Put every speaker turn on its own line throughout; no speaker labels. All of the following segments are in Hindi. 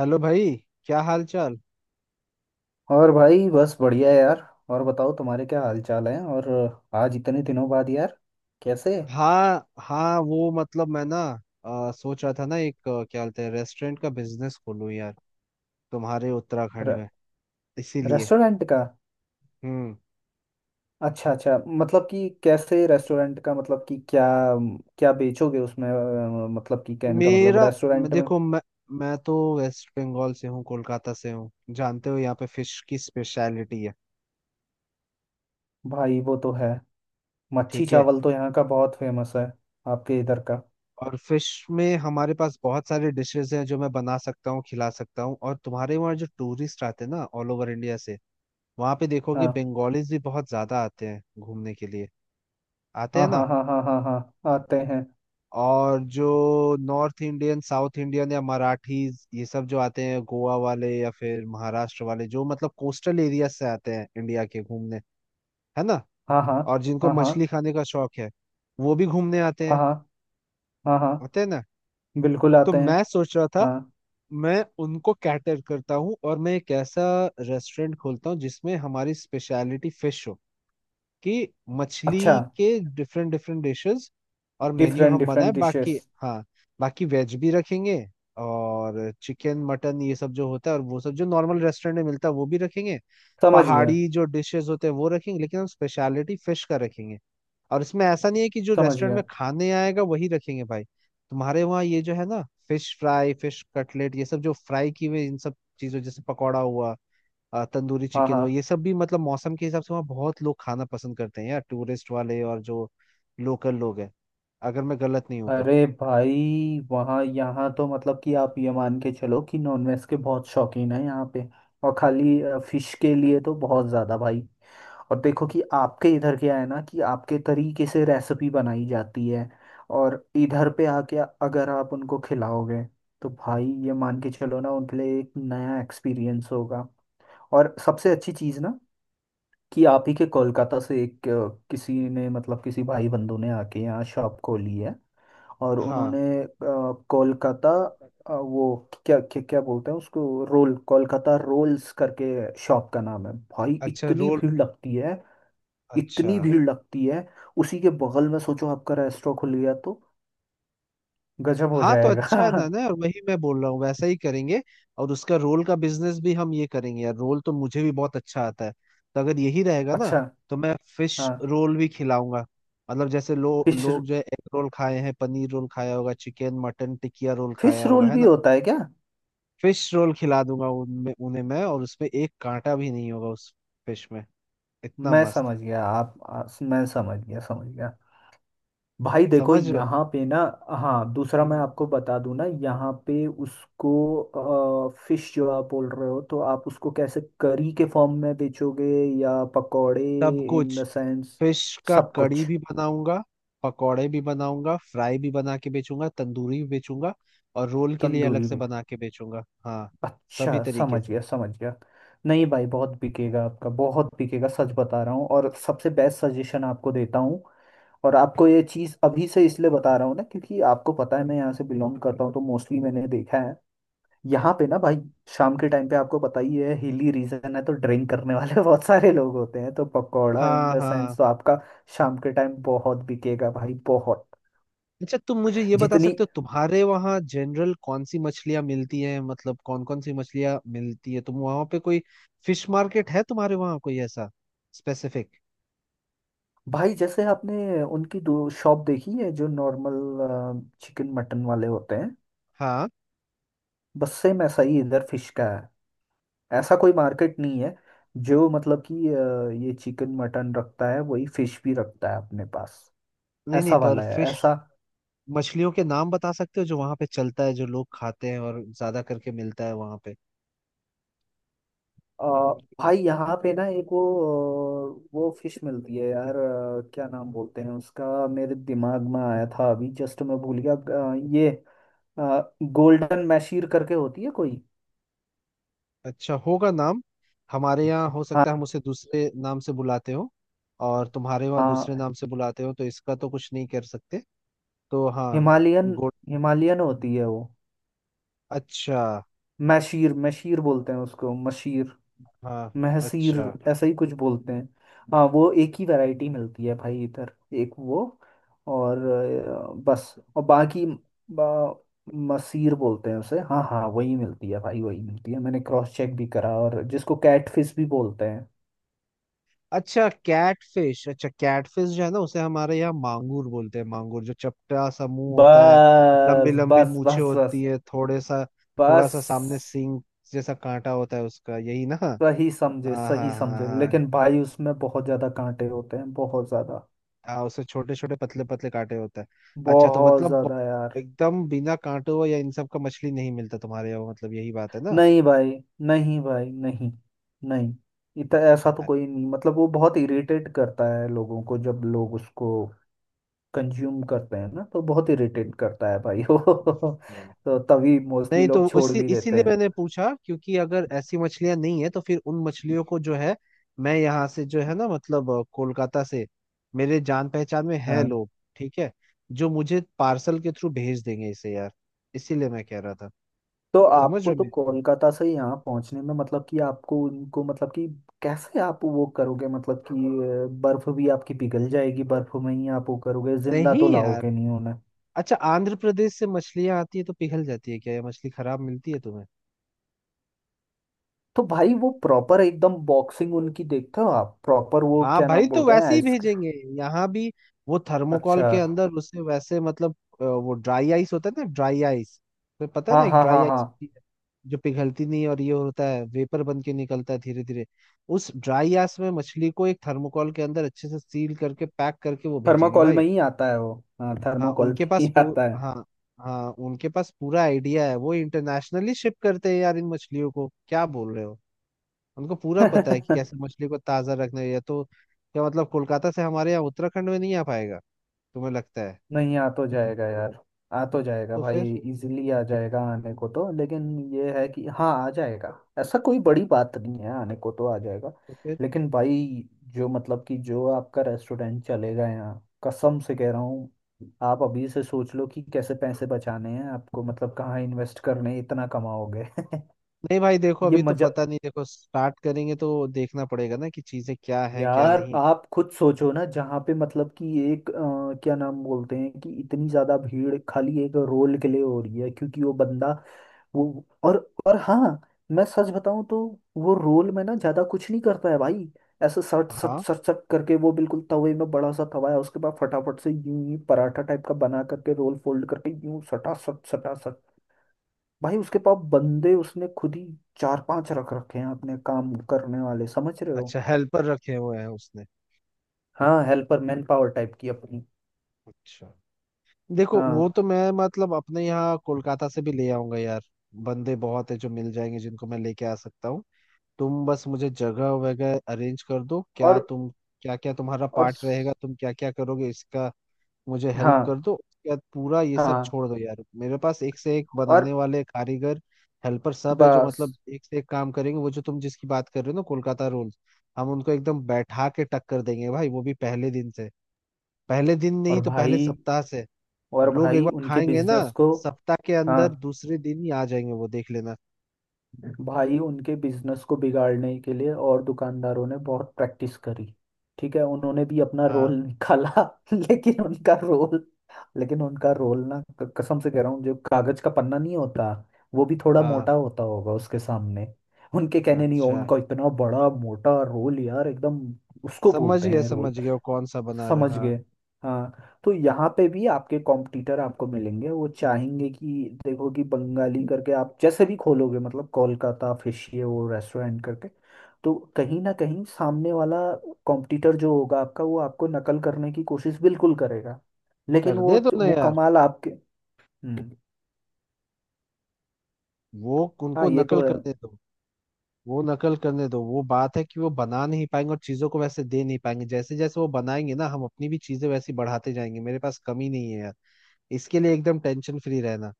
हेलो भाई। क्या हाल चाल।
और भाई बस बढ़िया यार। और बताओ तुम्हारे क्या हाल चाल है और आज इतने दिनों बाद यार, कैसे।
हाँ हाँ, वो मतलब मैं ना सोच रहा था ना। एक क्या बोलते हैं, रेस्टोरेंट का बिजनेस खोलूं यार, तुम्हारे उत्तराखंड
र,
में। इसीलिए।
रेस्टोरेंट का।
हम्म।
अच्छा अच्छा, मतलब कि कैसे रेस्टोरेंट का, मतलब कि क्या क्या बेचोगे उसमें। मतलब कि कहने का मतलब रेस्टोरेंट में।
देखो, मैं तो वेस्ट बंगाल से हूँ, कोलकाता से हूँ। जानते हो, यहाँ पे फिश की स्पेशलिटी है।
भाई वो तो है। मच्छी
ठीक है।
चावल तो यहाँ का बहुत फेमस है आपके इधर का।
और फिश में हमारे पास बहुत सारे डिशेस हैं जो मैं बना सकता हूँ, खिला सकता हूँ। और तुम्हारे वहाँ जो टूरिस्ट आते हैं ना, ऑल ओवर इंडिया से, वहाँ पे देखोगे
हाँ
बंगालीज भी बहुत ज्यादा आते हैं घूमने के लिए। आते
हाँ
हैं ना।
हाँ हाँ हाँ हाँ हाँ, आते हैं।
और जो नॉर्थ इंडियन, साउथ इंडियन या मराठीज, ये सब जो आते हैं, गोवा वाले या फिर महाराष्ट्र वाले, जो मतलब कोस्टल एरिया से आते हैं इंडिया के, घूमने, है ना।
हाँ हाँ
और जिनको
हाँ हाँ
मछली खाने का शौक है, वो भी घूमने आते हैं।
हाँ हाँ हाँ हाँ,
आते हैं ना।
बिल्कुल
तो
आते हैं।
मैं सोच रहा था,
हाँ।
मैं उनको कैटर करता हूँ और मैं एक ऐसा रेस्टोरेंट खोलता हूँ जिसमें हमारी स्पेशलिटी फिश हो। कि
अच्छा।
मछली के डिफरेंट डिफरेंट डिशेस और मेन्यू
डिफरेंट
हम बनाए।
डिफरेंट
बाकी,
डिशेस।
हाँ, बाकी वेज भी रखेंगे और चिकन मटन, ये सब जो होता है, और वो सब जो नॉर्मल रेस्टोरेंट में मिलता है वो भी रखेंगे।
समझ गया
पहाड़ी जो डिशेस होते हैं वो रखेंगे, लेकिन हम स्पेशलिटी फिश का रखेंगे। और इसमें ऐसा नहीं है कि जो
समझ
रेस्टोरेंट में
गया।
खाने आएगा वही रखेंगे। भाई तुम्हारे वहाँ ये जो है ना, फिश फ्राई, फिश कटलेट, ये सब जो फ्राई की हुई इन सब चीजों, जैसे पकौड़ा हुआ, तंदूरी
हाँ
चिकन हो,
हाँ।
ये सब भी मतलब मौसम के हिसाब से वहाँ बहुत लोग खाना पसंद करते हैं यार, टूरिस्ट वाले और जो लोकल लोग हैं, अगर मैं गलत नहीं हूँ तो।
अरे भाई वहाँ, यहाँ तो मतलब कि आप ये मान के चलो कि नॉनवेज के बहुत शौकीन है यहाँ पे। और खाली फिश के लिए तो बहुत ज़्यादा भाई। और देखो कि आपके इधर क्या है ना, कि आपके तरीके से रेसिपी बनाई जाती है। और इधर पे आके अगर आप उनको खिलाओगे तो भाई ये मान के चलो ना, उनके लिए एक नया एक्सपीरियंस होगा। और सबसे अच्छी चीज़ ना, कि आप ही के कोलकाता से एक, किसी ने, मतलब किसी भाई बंधु ने आके यहाँ शॉप खोली है। और
हाँ।
उन्होंने कोलकाता,
कोलकाता।
वो क्या क्या क्या बोलते हैं उसको, रोल, कोलकाता रोल्स करके शॉप का नाम है। भाई
अच्छा,
इतनी
रोल।
भीड़ लगती है,
अच्छा।
इतनी भीड़ लगती है। उसी के बगल में सोचो आपका रेस्टोरेंट खुल गया तो गजब हो
हाँ, तो अच्छा है ना।
जाएगा।
ना, और वही मैं बोल रहा हूँ, वैसा ही करेंगे। और उसका रोल का बिजनेस भी हम ये करेंगे यार, रोल तो मुझे भी बहुत अच्छा आता है। तो अगर यही रहेगा ना,
अच्छा।
तो मैं फिश
हाँ।
रोल भी खिलाऊंगा। मतलब जैसे
फिश
लोग जो है, एग रोल खाए हैं, पनीर रोल खाया होगा, चिकन मटन टिकिया रोल
फिश
खाया होगा,
रोल
है
भी
ना।
होता है क्या?
फिश रोल खिला दूंगा उनमें, उन्हें मैं, और उसमें एक कांटा भी नहीं होगा उस फिश में। इतना
मैं
मस्त।
समझ गया आप, मैं समझ गया समझ गया। भाई देखो
समझ रहे हो।
यहाँ पे ना। हाँ, दूसरा मैं
हम्म।
आपको बता दूं ना, यहाँ पे उसको फिश जो आप बोल रहे हो, तो आप उसको कैसे करी के फॉर्म में बेचोगे, या पकौड़े,
सब
इन
कुछ।
The sense?
फिश का
सब
कड़ी
कुछ।
भी बनाऊंगा, पकौड़े भी बनाऊंगा, फ्राई भी बना के बेचूंगा, तंदूरी भी बेचूंगा, और रोल के लिए अलग
तंदूरी
से
भी।
बना के बेचूंगा। हाँ, सभी
अच्छा
तरीके
समझ
से।
गया समझ गया। नहीं भाई, बहुत बिकेगा आपका, बहुत बिकेगा, सच बता रहा हूँ। और सबसे बेस्ट सजेशन आपको देता हूँ। और आपको ये चीज़ अभी से इसलिए बता रहा हूँ ना, क्योंकि आपको पता है मैं यहाँ से बिलोंग करता हूँ, तो मोस्टली मैंने देखा है यहाँ पे ना भाई। शाम के टाइम पे आपको पता ही है हिली रीजन है, तो ड्रिंक करने वाले बहुत सारे लोग होते हैं, तो पकौड़ा इन
हाँ
द सेंस
हाँ।
तो आपका शाम के टाइम बहुत बिकेगा भाई, बहुत।
अच्छा, तुम मुझे ये बता
जितनी।
सकते हो, तुम्हारे वहाँ जनरल कौन सी मछलियाँ मिलती हैं, मतलब कौन कौन सी मछलियाँ मिलती है। तुम वहाँ पे कोई फिश मार्केट है तुम्हारे वहाँ, कोई ऐसा स्पेसिफिक।
भाई जैसे आपने उनकी दो शॉप देखी है जो नॉर्मल चिकन मटन वाले होते हैं,
हाँ।
बस सेम ऐसा ही इधर फिश का है। ऐसा कोई मार्केट नहीं है जो मतलब कि ये चिकन मटन रखता है वही फिश भी रखता है अपने पास,
नहीं नहीं,
ऐसा
पर
वाला है
फिश
ऐसा।
मछलियों के नाम बता सकते हो जो वहां पे चलता है, जो लोग खाते हैं और ज्यादा करके मिलता है वहां पे।
अ, भाई यहाँ पे ना एक वो, वो फिश मिलती है यार, क्या नाम बोलते हैं उसका, मेरे दिमाग में आया था अभी जस्ट मैं भूल गया। ये गोल्डन मैशीर करके होती है कोई।
अच्छा होगा नाम। हमारे यहाँ हो सकता है हम
हाँ
उसे दूसरे नाम से बुलाते हो, और तुम्हारे वहाँ दूसरे
हाँ।
नाम से बुलाते हो, तो इसका तो कुछ नहीं कर सकते। तो हाँ।
Himalayan,
good.
हिमालयन होती है वो।
अच्छा।
मैशीर मैशीर बोलते हैं उसको, मशीर,
हाँ,
महसीर,
अच्छा।
ऐसा ही कुछ बोलते हैं। हाँ, वो एक ही वैरायटी मिलती है भाई इधर, एक वो। और बस और बाकी बा, मसीर बोलते हैं उसे। हाँ हाँ, वही मिलती है भाई, वही मिलती है, मैंने क्रॉस चेक भी करा, और जिसको कैटफिश भी बोलते हैं।
अच्छा कैटफिश। अच्छा, कैटफिश जो है ना, उसे हमारे यहाँ मांगूर बोलते हैं। मांगूर जो चपटा सा मुंह होता है, लंबी
बस
लंबी
बस
मूछें
बस
होती
बस
है, थोड़े सा, थोड़ा
बस।
सा सामने सींग जैसा कांटा होता है उसका। यही ना।
सही समझे
हाँ हाँ
सही
हाँ।
समझे,
हाँ,
लेकिन भाई उसमें बहुत ज्यादा कांटे होते हैं, बहुत ज्यादा।
हाँ उसे छोटे छोटे पतले पतले कांटे होता है। अच्छा, तो
बहुत ज्यादा यार।
एकदम बिना कांटों या इन सब का मछली नहीं मिलता तुम्हारे यहाँ, मतलब यही बात है ना।
नहीं भाई, नहीं भाई, नहीं, नहीं। इतना ऐसा तो कोई नहीं, मतलब वो बहुत इरिटेट करता है लोगों को, जब लोग उसको कंज्यूम करते हैं ना, तो बहुत इरिटेट करता है भाई वो।
अच्छा।
तो तभी मोस्टली
नहीं, तो
लोग छोड़
उसी
भी देते
इसीलिए
हैं।
मैंने पूछा, क्योंकि अगर ऐसी मछलियां नहीं है तो फिर उन मछलियों को जो है, मैं यहाँ से जो है ना, मतलब कोलकाता से, मेरे जान पहचान में है
हाँ,
लोग, ठीक है, जो मुझे पार्सल के थ्रू भेज देंगे इसे यार। इसीलिए मैं कह रहा था।
तो
समझ
आपको तो
रहे हो।
कोलकाता से यहाँ पहुँचने में, मतलब कि आपको उनको मतलब कि कैसे आप वो करोगे, मतलब कि बर्फ भी आपकी पिघल जाएगी, बर्फ में ही आप वो करोगे,
मेरी
जिंदा तो
नहीं यार।
लाओगे नहीं।
अच्छा, आंध्र प्रदेश से मछलियां आती है तो पिघल जाती है क्या? ये मछली खराब मिलती है तुम्हें?
तो भाई वो प्रॉपर एकदम बॉक्सिंग उनकी देखते हो आप, प्रॉपर वो
हाँ
क्या
भाई,
नाम
तो
बोलते हैं,
वैसे ही
आइस।
भेजेंगे यहाँ भी। वो थर्मोकॉल
अच्छा।
के अंदर उसे वैसे, मतलब वो ड्राई आइस होता है ना, ड्राई आइस। तो पता है ना,
हाँ
एक
हाँ
ड्राई
हाँ
आइस
हाँ।
होती है जो पिघलती नहीं, और ये होता है, वेपर बन के निकलता है धीरे धीरे। उस ड्राई आइस में मछली को एक थर्मोकॉल के अंदर अच्छे से सील करके, पैक करके वो भेजेंगे
थर्माकोल में
भाई।
ही आता है वो। हाँ,
हाँ
थर्माकोल
उनके
में
पास
ही
पू,
आता
हाँ। हाँ उनके पास पूरा आइडिया है, वो इंटरनेशनली शिप करते हैं यार इन मछलियों को, क्या बोल रहे हो। उनको पूरा पता है कि
है।
कैसे मछली को ताजा रखना है। या तो क्या मतलब कोलकाता से हमारे यहाँ उत्तराखंड में नहीं आ पाएगा, तुम्हें लगता है?
नहीं, आ तो जाएगा यार। आ तो जाएगा
तो
भाई।
फिर?
इजीली आ जाएगा, आने को तो, लेकिन ये है कि हाँ आ जाएगा, ऐसा कोई बड़ी बात नहीं है, आने को तो आ जाएगा।
तो फिर?
लेकिन भाई जो मतलब कि जो आपका रेस्टोरेंट चलेगा यहाँ, कसम से कह रहा हूँ, आप अभी से सोच लो कि कैसे पैसे बचाने हैं आपको, मतलब कहाँ इन्वेस्ट करने हैं, इतना कमाओगे।
नहीं भाई, देखो
ये
अभी तो
मजा।
पता नहीं, देखो स्टार्ट करेंगे तो देखना पड़ेगा ना कि चीजें क्या हैं क्या
यार
नहीं।
आप खुद सोचो ना, जहाँ पे मतलब कि एक, क्या नाम बोलते हैं, कि इतनी ज्यादा भीड़ खाली एक रोल के लिए हो रही है, क्योंकि वो बंदा, वो, और हाँ, मैं सच बताऊं तो, वो रोल में ना ज्यादा कुछ नहीं करता है भाई। ऐसे सट सट
हाँ।
सट सट करके वो बिल्कुल तवे में, बड़ा सा तवा है, उसके बाद फटाफट से यूं ही पराठा टाइप का बना करके रोल फोल्ड करके यूं सटा सट सटा सट। भाई उसके पास बंदे, उसने खुद ही चार पांच रख रखे हैं अपने काम करने वाले, समझ रहे हो?
अच्छा, हेल्पर रखे हुए हैं उसने।
हाँ, हेल्पर मैन पावर टाइप की अपनी।
अच्छा, देखो वो
हाँ।
तो मैं मतलब अपने यहाँ कोलकाता से भी ले आऊंगा यार। बंदे बहुत है जो मिल जाएंगे, जिनको मैं लेके आ सकता हूँ। तुम बस मुझे जगह वगैरह अरेंज कर दो। क्या
और
तुम, क्या क्या तुम्हारा
और
पार्ट रहेगा,
स-
तुम क्या क्या करोगे इसका, मुझे हेल्प कर
हाँ
दो, उसके बाद पूरा ये सब
हाँ
छोड़ दो यार। मेरे पास एक से एक
और
बनाने वाले कारीगर, हेल्पर सब है जो मतलब
बस।
एक से एक काम करेंगे। वो जो तुम जिसकी बात कर रहे हो ना, कोलकाता रोल्स, हम उनको एकदम बैठा के टक्कर देंगे भाई, वो भी पहले दिन से। पहले दिन नहीं
और
तो पहले
भाई,
सप्ताह से।
और
लोग एक
भाई
बार
उनके
खाएंगे ना,
बिजनेस को,
सप्ताह के
हाँ
अंदर दूसरे दिन ही आ जाएंगे, वो देख लेना।
भाई उनके बिजनेस को बिगाड़ने के लिए और दुकानदारों ने बहुत प्रैक्टिस करी। ठीक है, उन्होंने भी अपना
हाँ
रोल निकाला। लेकिन उनका रोल, लेकिन उनका रोल ना, कसम से कह रहा हूँ, जो कागज का पन्ना नहीं होता, वो भी थोड़ा मोटा
हाँ।
होता होगा उसके सामने। उनके कहने नहीं हो,
अच्छा,
उनका इतना बड़ा मोटा रोल यार, एकदम उसको
समझ
बोलते
गया
हैं रोल।
समझ गया, वो कौन सा बना
समझ
रहा। हाँ,
गए। हाँ, तो यहाँ पे भी आपके कॉम्पिटिटर आपको मिलेंगे, वो चाहेंगे कि देखो कि बंगाली करके आप जैसे भी खोलोगे, मतलब कोलकाता फिश ये वो रेस्टोरेंट करके, तो कहीं ना कहीं सामने वाला कॉम्पिटिटर जो होगा आपका, वो आपको नकल करने की कोशिश बिल्कुल करेगा, लेकिन
कर
वो
दे दो ना
वो
यार,
कमाल आपके। हम्म।
वो
हाँ
उनको
ये तो
नकल
है।
करने दो। वो नकल करने दो। वो बात है कि वो बना नहीं पाएंगे और चीजों को वैसे दे नहीं पाएंगे जैसे। जैसे वो बनाएंगे ना, हम अपनी भी चीजें वैसी बढ़ाते जाएंगे, मेरे पास कमी नहीं है यार। इसके लिए एकदम टेंशन फ्री रहना।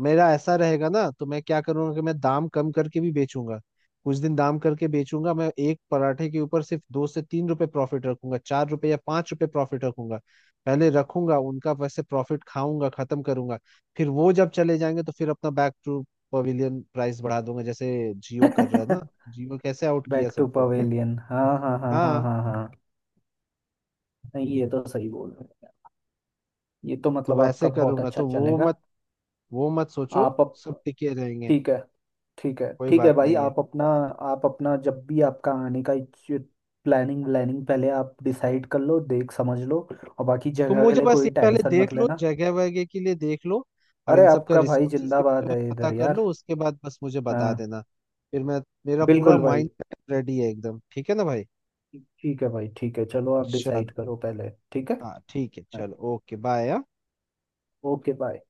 मेरा ऐसा रहेगा ना, तो मैं क्या करूंगा कि मैं दाम कम करके भी बेचूंगा। कुछ दिन दाम करके बेचूंगा, मैं एक पराठे के ऊपर सिर्फ 2 से 3 रुपए प्रॉफिट रखूंगा, 4 रुपए या 5 रुपए प्रॉफिट रखूंगा। पहले रखूंगा, उनका वैसे प्रॉफिट खाऊंगा, खत्म करूंगा, फिर वो जब चले जाएंगे तो फिर अपना बैक टू पवेलियन प्राइस बढ़ा दूंगा, जैसे जियो कर रहा है ना। जियो कैसे आउट किया
बैक टू
सबको।
पवेलियन, हाँ हाँ हाँ हाँ
हाँ,
हाँ हाँ। नहीं, ये तो सही बोल रहे हैं, ये तो
तो
मतलब
वैसे
आपका बहुत
करूंगा,
अच्छा
तो
चलेगा।
वो मत सोचो,
आप,
सब टिके रहेंगे,
ठीक है ठीक है,
कोई
ठीक है
बात
भाई
नहीं है।
आप अपना, आप अपना जब भी आपका आने का प्लानिंग व्लानिंग पहले आप डिसाइड कर लो, देख समझ लो, और बाकी
तुम
जगह के
मुझे
लिए
बस
कोई
ये पहले
टेंशन
देख
मत
लो,
लेना।
जगह वगैरह के लिए देख लो, और
अरे
इन सब का
आपका भाई
रिसोर्सेज के बारे
जिंदाबाद
में
है
पता
इधर
कर
यार।
लो, उसके बाद बस मुझे बता
हाँ,
देना। फिर मैं, मेरा पूरा
बिल्कुल भाई।
माइंड रेडी है एकदम। ठीक है ना भाई,
ठीक है भाई ठीक है, चलो आप
चलो।
डिसाइड करो पहले, ठीक है।
हाँ ठीक है, चलो, ओके बाय।
Okay bye.